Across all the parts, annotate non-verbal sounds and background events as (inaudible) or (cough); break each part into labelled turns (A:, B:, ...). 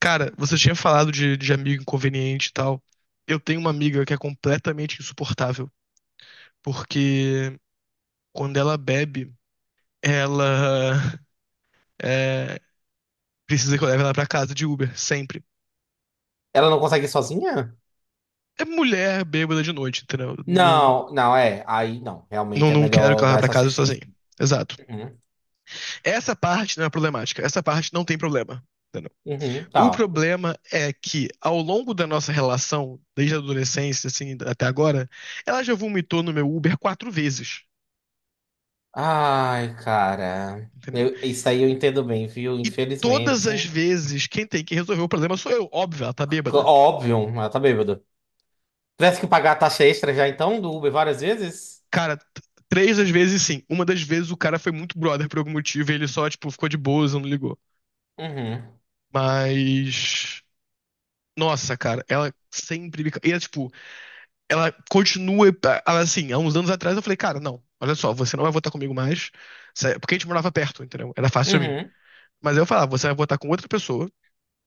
A: Cara, você tinha falado de amigo inconveniente e tal. Eu tenho uma amiga que é completamente insuportável, porque quando ela bebe, ela (laughs) é, precisa que eu leve ela pra casa de Uber, sempre.
B: Ela não consegue ir sozinha?
A: É mulher bêbada de noite, entendeu? Não,
B: Não, não, é. Aí não, realmente é
A: não quero que
B: melhor
A: ela vá
B: dar
A: pra
B: essa
A: casa
B: assistência.
A: sozinha. Exato.
B: Uhum,
A: Essa parte não é problemática. Essa parte não tem problema, entendeu?
B: uhum,
A: O
B: tá.
A: problema é que, ao longo da nossa relação, desde a adolescência, assim, até agora, ela já vomitou no meu Uber quatro vezes,
B: Ai, cara.
A: entendeu?
B: Isso aí eu entendo bem, viu? Infelizmente.
A: Todas as vezes, quem tem que resolver o problema sou eu. Óbvio, ela tá bêbada.
B: Óbvio, ela tá bêbada. Tivesse que pagar a taxa extra já então do Uber várias vezes?
A: Cara, t- três das vezes sim. Uma das vezes o cara foi muito brother por algum motivo e ele só, tipo, ficou de boas, não ligou.
B: Uhum,
A: Mas, nossa, cara, ela sempre me. Ca- e ela, tipo, ela continua. Ela, assim, há uns anos atrás eu falei: cara, não, olha só, você não vai votar comigo mais. Porque a gente morava perto, entendeu? Era fácil pra mim.
B: uhum.
A: Mas aí eu falava: você vai votar com outra pessoa.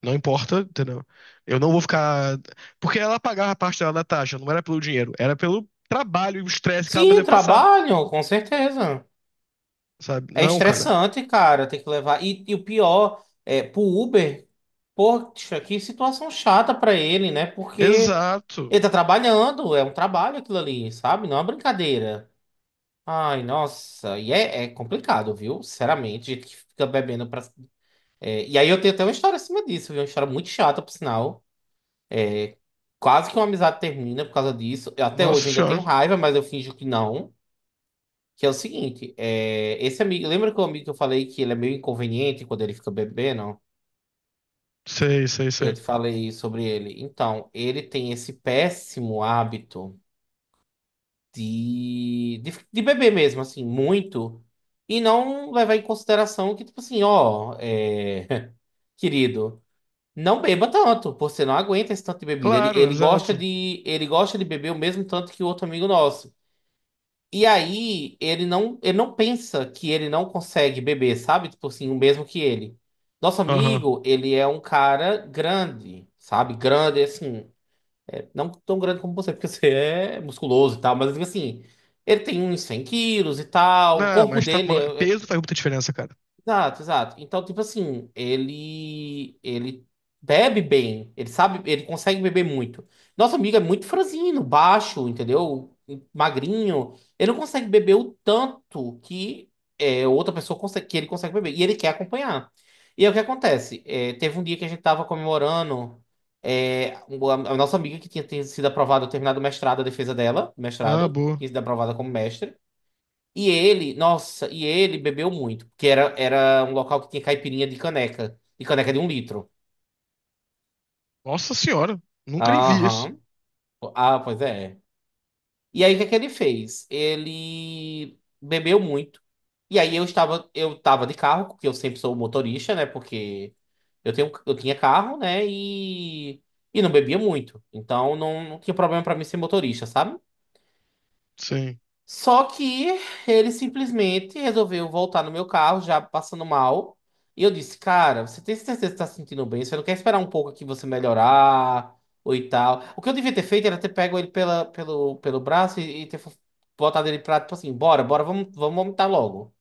A: Não importa, entendeu? Eu não vou ficar. Porque ela pagava a parte dela na taxa, não era pelo dinheiro, era pelo trabalho e o estresse que ela deve
B: Sim,
A: passar,
B: trabalho, com certeza.
A: sabe?
B: É
A: Não, cara.
B: estressante, cara, tem que levar. E o pior é pro Uber, poxa, que situação chata pra ele, né? Porque
A: Exato.
B: ele tá trabalhando, é um trabalho aquilo ali, sabe? Não é uma brincadeira. Ai, nossa, e é complicado, viu? Sinceramente, gente que fica bebendo pra. É, e aí eu tenho até uma história acima disso, viu? Uma história muito chata, por sinal. Quase que uma amizade termina por causa disso. Até
A: Nossa
B: hoje eu ainda
A: senhora.
B: tenho raiva, mas eu finjo que não. Que é o seguinte, esse amigo, lembra que o amigo que eu falei que ele é meio inconveniente quando ele fica bebendo?
A: Sei, sei,
B: Eu
A: sei.
B: te falei sobre ele. Então, ele tem esse péssimo hábito de beber mesmo, assim, muito, e não levar em consideração que, tipo assim, ó, (laughs) querido, não beba tanto, você não aguenta esse tanto de bebida. Ele,
A: Claro,
B: ele gosta
A: exato.
B: de, ele gosta de beber o mesmo tanto que o outro amigo nosso. E aí ele não pensa que ele não consegue beber, sabe? Tipo assim, o mesmo que ele. Nosso
A: Aham.
B: amigo, ele é um cara grande, sabe? Grande, assim, não tão grande como você, porque (laughs) você é musculoso e tal, mas tipo assim, ele tem uns 100 quilos e tal, o
A: Não,
B: corpo
A: mas
B: dele.
A: tamanho. Peso faz muita diferença, cara.
B: Exato, exato. Então, tipo assim, ele bebe bem, ele sabe, ele consegue beber muito. Nosso amigo é muito franzino, baixo, entendeu? Magrinho. Ele não consegue beber o tanto que outra pessoa consegue, que ele consegue beber. E ele quer acompanhar. E aí o que acontece? É, teve um dia que a gente tava comemorando a nossa amiga que tinha sido aprovada, terminado o mestrado, a defesa dela,
A: Ah,
B: mestrado,
A: boa.
B: tinha sido aprovada como mestre. E ele, nossa, e ele bebeu muito, porque era um local que tinha caipirinha de caneca, e caneca de um litro.
A: Nossa senhora. Nunca nem vi isso.
B: Aham. Ah, pois é. E aí, o que é que ele fez? Ele bebeu muito. E aí, eu estava de carro, porque eu sempre sou motorista, né? Porque eu tinha carro, né? E não bebia muito. Então, não, não tinha problema para mim ser motorista, sabe?
A: Sim.
B: Só que ele simplesmente resolveu voltar no meu carro, já passando mal. E eu disse, cara, você tem certeza que está se sentindo bem? Você não quer esperar um pouco aqui você melhorar ou e tal? O que eu devia ter feito era ter pego ele pelo braço e ter botado ele pra, tipo assim, bora, bora, vamos, vamos vomitar logo.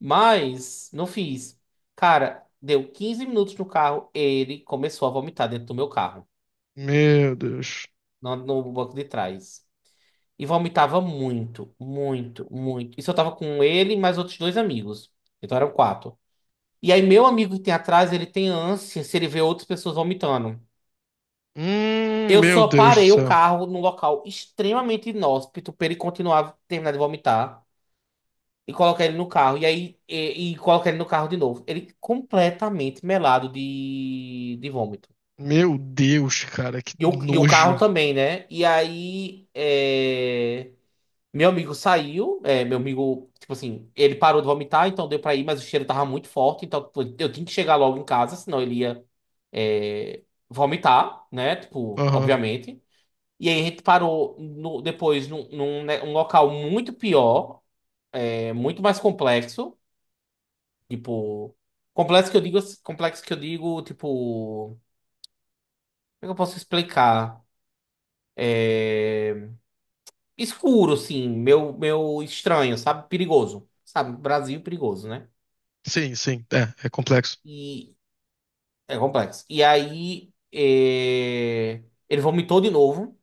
B: Mas não fiz. Cara, deu 15 minutos no carro, ele começou a vomitar dentro do meu carro,
A: Meu Deus.
B: no banco de trás. E vomitava muito, muito, muito. Isso eu tava com ele e mais outros dois amigos. Então eram quatro. E aí, meu amigo que tem atrás, ele tem ânsia se ele vê outras pessoas vomitando. Eu
A: Meu
B: só
A: Deus do
B: parei o
A: céu.
B: carro num local extremamente inóspito pra ele continuar terminar de vomitar e colocar ele no carro. E aí, e colocar ele no carro de novo. Ele completamente melado de vômito.
A: Meu Deus, cara, que
B: E o carro
A: nojo.
B: também, né? E aí. Meu amigo saiu, meu amigo, tipo assim, ele parou de vomitar, então deu pra ir, mas o cheiro tava muito forte, então tipo, eu tinha que chegar logo em casa, senão ele ia, é, vomitar, né? Tipo,
A: Aham.
B: obviamente. E aí a gente parou depois num, né, um local muito pior, muito mais complexo, tipo, complexo que eu digo, complexo que eu digo, tipo, como é que eu posso explicar? É, escuro, assim, meu estranho, sabe? Perigoso. Sabe, Brasil perigoso, né?
A: Sim, sim. É, é complexo.
B: E é complexo. E aí ele vomitou de novo.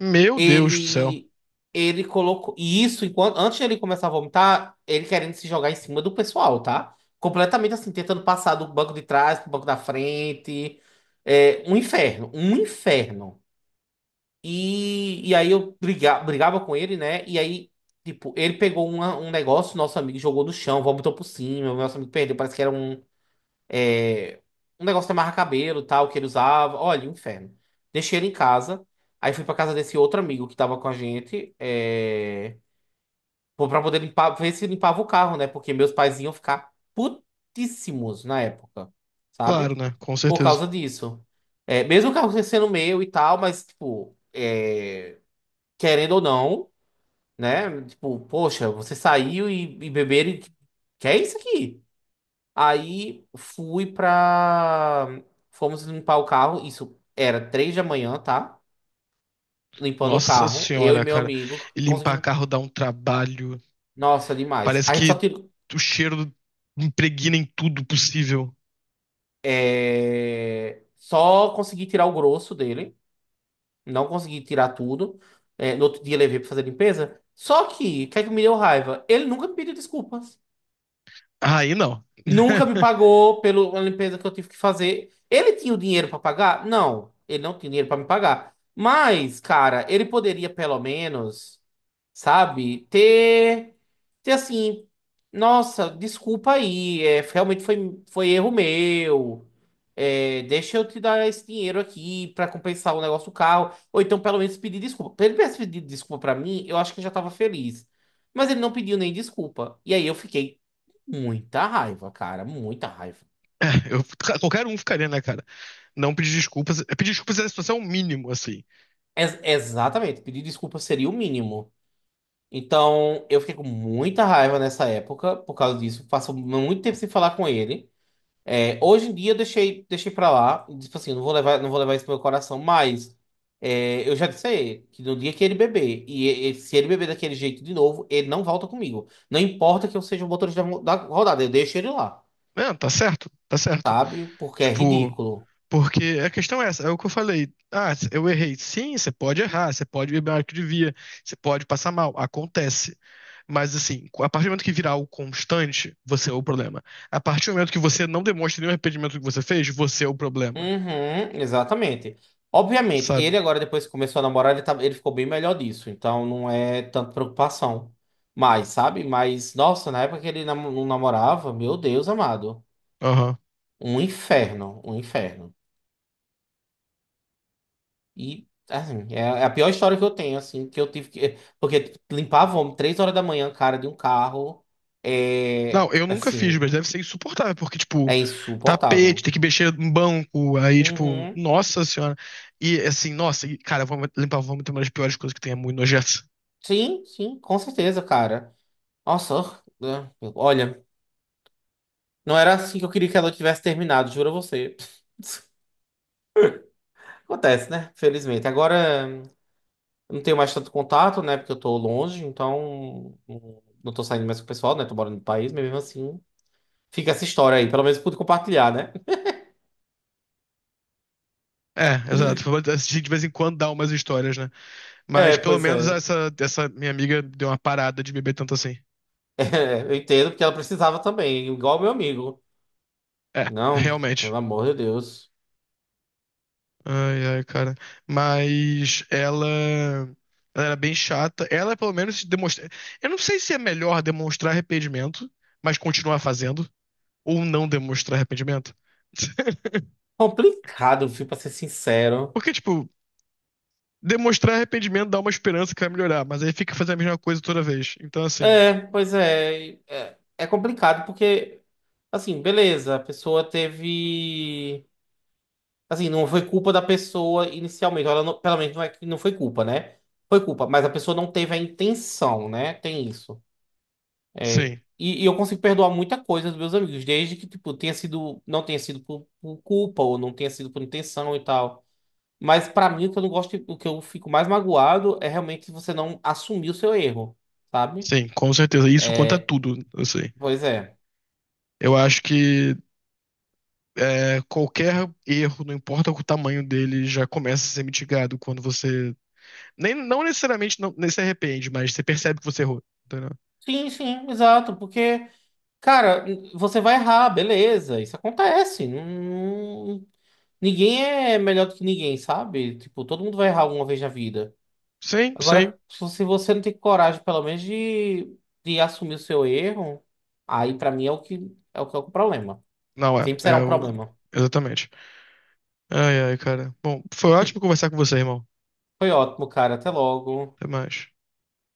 A: Meu Deus do céu.
B: Ele ele colocou e isso enquanto antes de ele começar a vomitar, ele querendo se jogar em cima do pessoal, tá? Completamente assim, tentando passar do banco de trás pro banco da frente. É um inferno, um inferno. E aí eu brigava com ele, né? E aí, tipo, ele pegou um negócio, nosso amigo jogou no chão, vomitou por cima, o nosso amigo perdeu, parece que era um negócio de amarrar cabelo, tal, que ele usava. Olha, inferno. Deixei ele em casa. Aí fui pra casa desse outro amigo que tava com a gente. Pô, pra poder limpar, ver se limpava o carro, né? Porque meus pais iam ficar putíssimos na época, sabe?
A: Claro, né? Com
B: Por
A: certeza.
B: causa disso. Mesmo o carro sendo meu e tal, mas, tipo, querendo ou não, né? Tipo, poxa, você saiu e beberam. Que é isso aqui? Aí fui pra. Fomos limpar o carro. Isso era 3 da manhã, tá? Limpando o
A: Nossa
B: carro. Eu e
A: senhora,
B: meu
A: cara.
B: amigo
A: E limpar
B: conseguimos.
A: carro dá um trabalho.
B: Nossa, demais.
A: Parece
B: A gente só
A: que
B: tirou.
A: o cheiro impregna em tudo possível.
B: Só consegui tirar o grosso dele. Não consegui tirar tudo. É, no outro dia levei pra fazer limpeza. Só que, o que é que me deu raiva? Ele nunca me pediu desculpa.
A: Aí não.
B: Nunca me
A: (laughs)
B: pagou pela limpeza que eu tive que fazer. Ele tinha o dinheiro para pagar? Não, ele não tinha dinheiro para me pagar. Mas, cara, ele poderia pelo menos, sabe, ter assim, nossa, desculpa aí, realmente foi erro meu. É, deixa eu te dar esse dinheiro aqui para compensar o negócio do carro. Ou então, pelo menos, pedir desculpa. Pra Ele tivesse pedido desculpa para mim, eu acho que eu já tava feliz. Mas ele não pediu nem desculpa. E aí eu fiquei. Muita raiva, cara, muita raiva.
A: É, qualquer um ficaria, né, cara? Não pedir desculpas. É, pedir desculpas é a situação mínimo, assim.
B: Exatamente, pedir desculpa seria o mínimo. Então, eu fiquei com muita raiva nessa época por causa disso. Passo muito tempo sem falar com ele. É, hoje em dia eu deixei pra lá. Tipo assim, não vou levar isso pro meu coração, mas eu já disse a ele que no dia que ele beber, se ele beber daquele jeito de novo, ele não volta comigo. Não importa que eu seja o motorista da rodada, eu deixo ele lá,
A: É, tá certo, tá certo.
B: sabe? Porque é
A: Tipo.
B: ridículo.
A: Porque a questão é essa, é o que eu falei. Ah, eu errei. Sim, você pode errar, você pode beber mais do que devia, você pode passar mal, acontece. Mas assim, a partir do momento que virar algo constante, você é o problema. A partir do momento que você não demonstra nenhum arrependimento do que você fez, você é o problema,
B: Uhum, exatamente. Obviamente,
A: sabe?
B: ele agora, depois que começou a namorar, ele, tá, ele ficou bem melhor disso. Então não é tanto preocupação. Mas, sabe? Mas, nossa, na época que ele não namorava, meu Deus amado.
A: Aham.
B: Um inferno, um inferno. E, assim, é a pior história que eu tenho, assim, que eu tive que. Porque tipo, limpar vômito 3 horas da manhã, cara, de um carro.
A: Não, eu nunca fiz,
B: Assim,
A: mas deve ser insuportável, porque, tipo,
B: é
A: tapete,
B: insuportável.
A: tem que mexer em banco, aí, tipo,
B: Uhum.
A: nossa senhora. E, assim, nossa, e, cara, vamos limpar, vamos ter uma das piores coisas que tem, é muito nojento.
B: Sim, sim, com certeza, cara. Nossa, ah, olha. Não era assim que eu queria que ela tivesse terminado, juro a você. (laughs) Acontece, né? Felizmente. Agora eu não tenho mais tanto contato, né? Porque eu tô longe, então não tô saindo mais com o pessoal, né? Tô morando no país, mas mesmo assim fica essa história aí. Pelo menos pude compartilhar, né? (laughs)
A: É, exato. Vou assistir de vez em quando dá umas histórias, né? Mas
B: É,
A: pelo
B: pois
A: menos
B: é. (laughs)
A: essa, essa minha amiga deu uma parada de beber tanto assim.
B: É, eu entendo porque ela precisava também, igual meu amigo.
A: É,
B: Não, pelo
A: realmente.
B: amor de Deus.
A: Ai, ai, cara. Mas ela. Ela era bem chata. Ela, pelo menos, se demonstra. Eu não sei se é melhor demonstrar arrependimento, mas continuar fazendo, ou não demonstrar arrependimento. (laughs)
B: Complicado, viu, pra ser sincero.
A: Porque, tipo, demonstrar arrependimento dá uma esperança que vai melhorar, mas aí fica fazendo a mesma coisa toda vez. Então, assim,
B: É, pois é. É complicado porque, assim, beleza, a pessoa teve. Assim, não foi culpa da pessoa inicialmente. Ela pelo menos não é que não foi culpa, né? Foi culpa, mas a pessoa não teve a intenção, né? Tem isso. É,
A: sim,
B: e eu consigo perdoar muita coisa dos meus amigos, desde que, tipo, não tenha sido por culpa ou não tenha sido por intenção e tal. Mas pra mim, o que eu não gosto, o que eu fico mais magoado é realmente você não assumir o seu erro, sabe?
A: sim, com certeza. Isso conta tudo, assim.
B: Pois é.
A: Eu acho que é, qualquer erro, não importa o tamanho dele, já começa a ser mitigado quando você. Nem, não necessariamente não, nem se arrepende, mas você percebe que você errou. Entendeu?
B: Sim, sim, exato, porque, cara, você vai errar, beleza, isso acontece. Não, ninguém é melhor do que ninguém, sabe? Tipo, todo mundo vai errar alguma vez na vida.
A: Sim, sim.
B: Agora, se você não tem coragem, pelo menos, de, assumir o seu erro, aí pra mim é o que é o problema.
A: Não é.
B: Sempre será
A: É
B: um
A: o.
B: problema.
A: Exatamente. Ai, ai, cara. Bom, foi ótimo conversar com você, irmão.
B: Foi ótimo, cara. Até logo.
A: Até mais.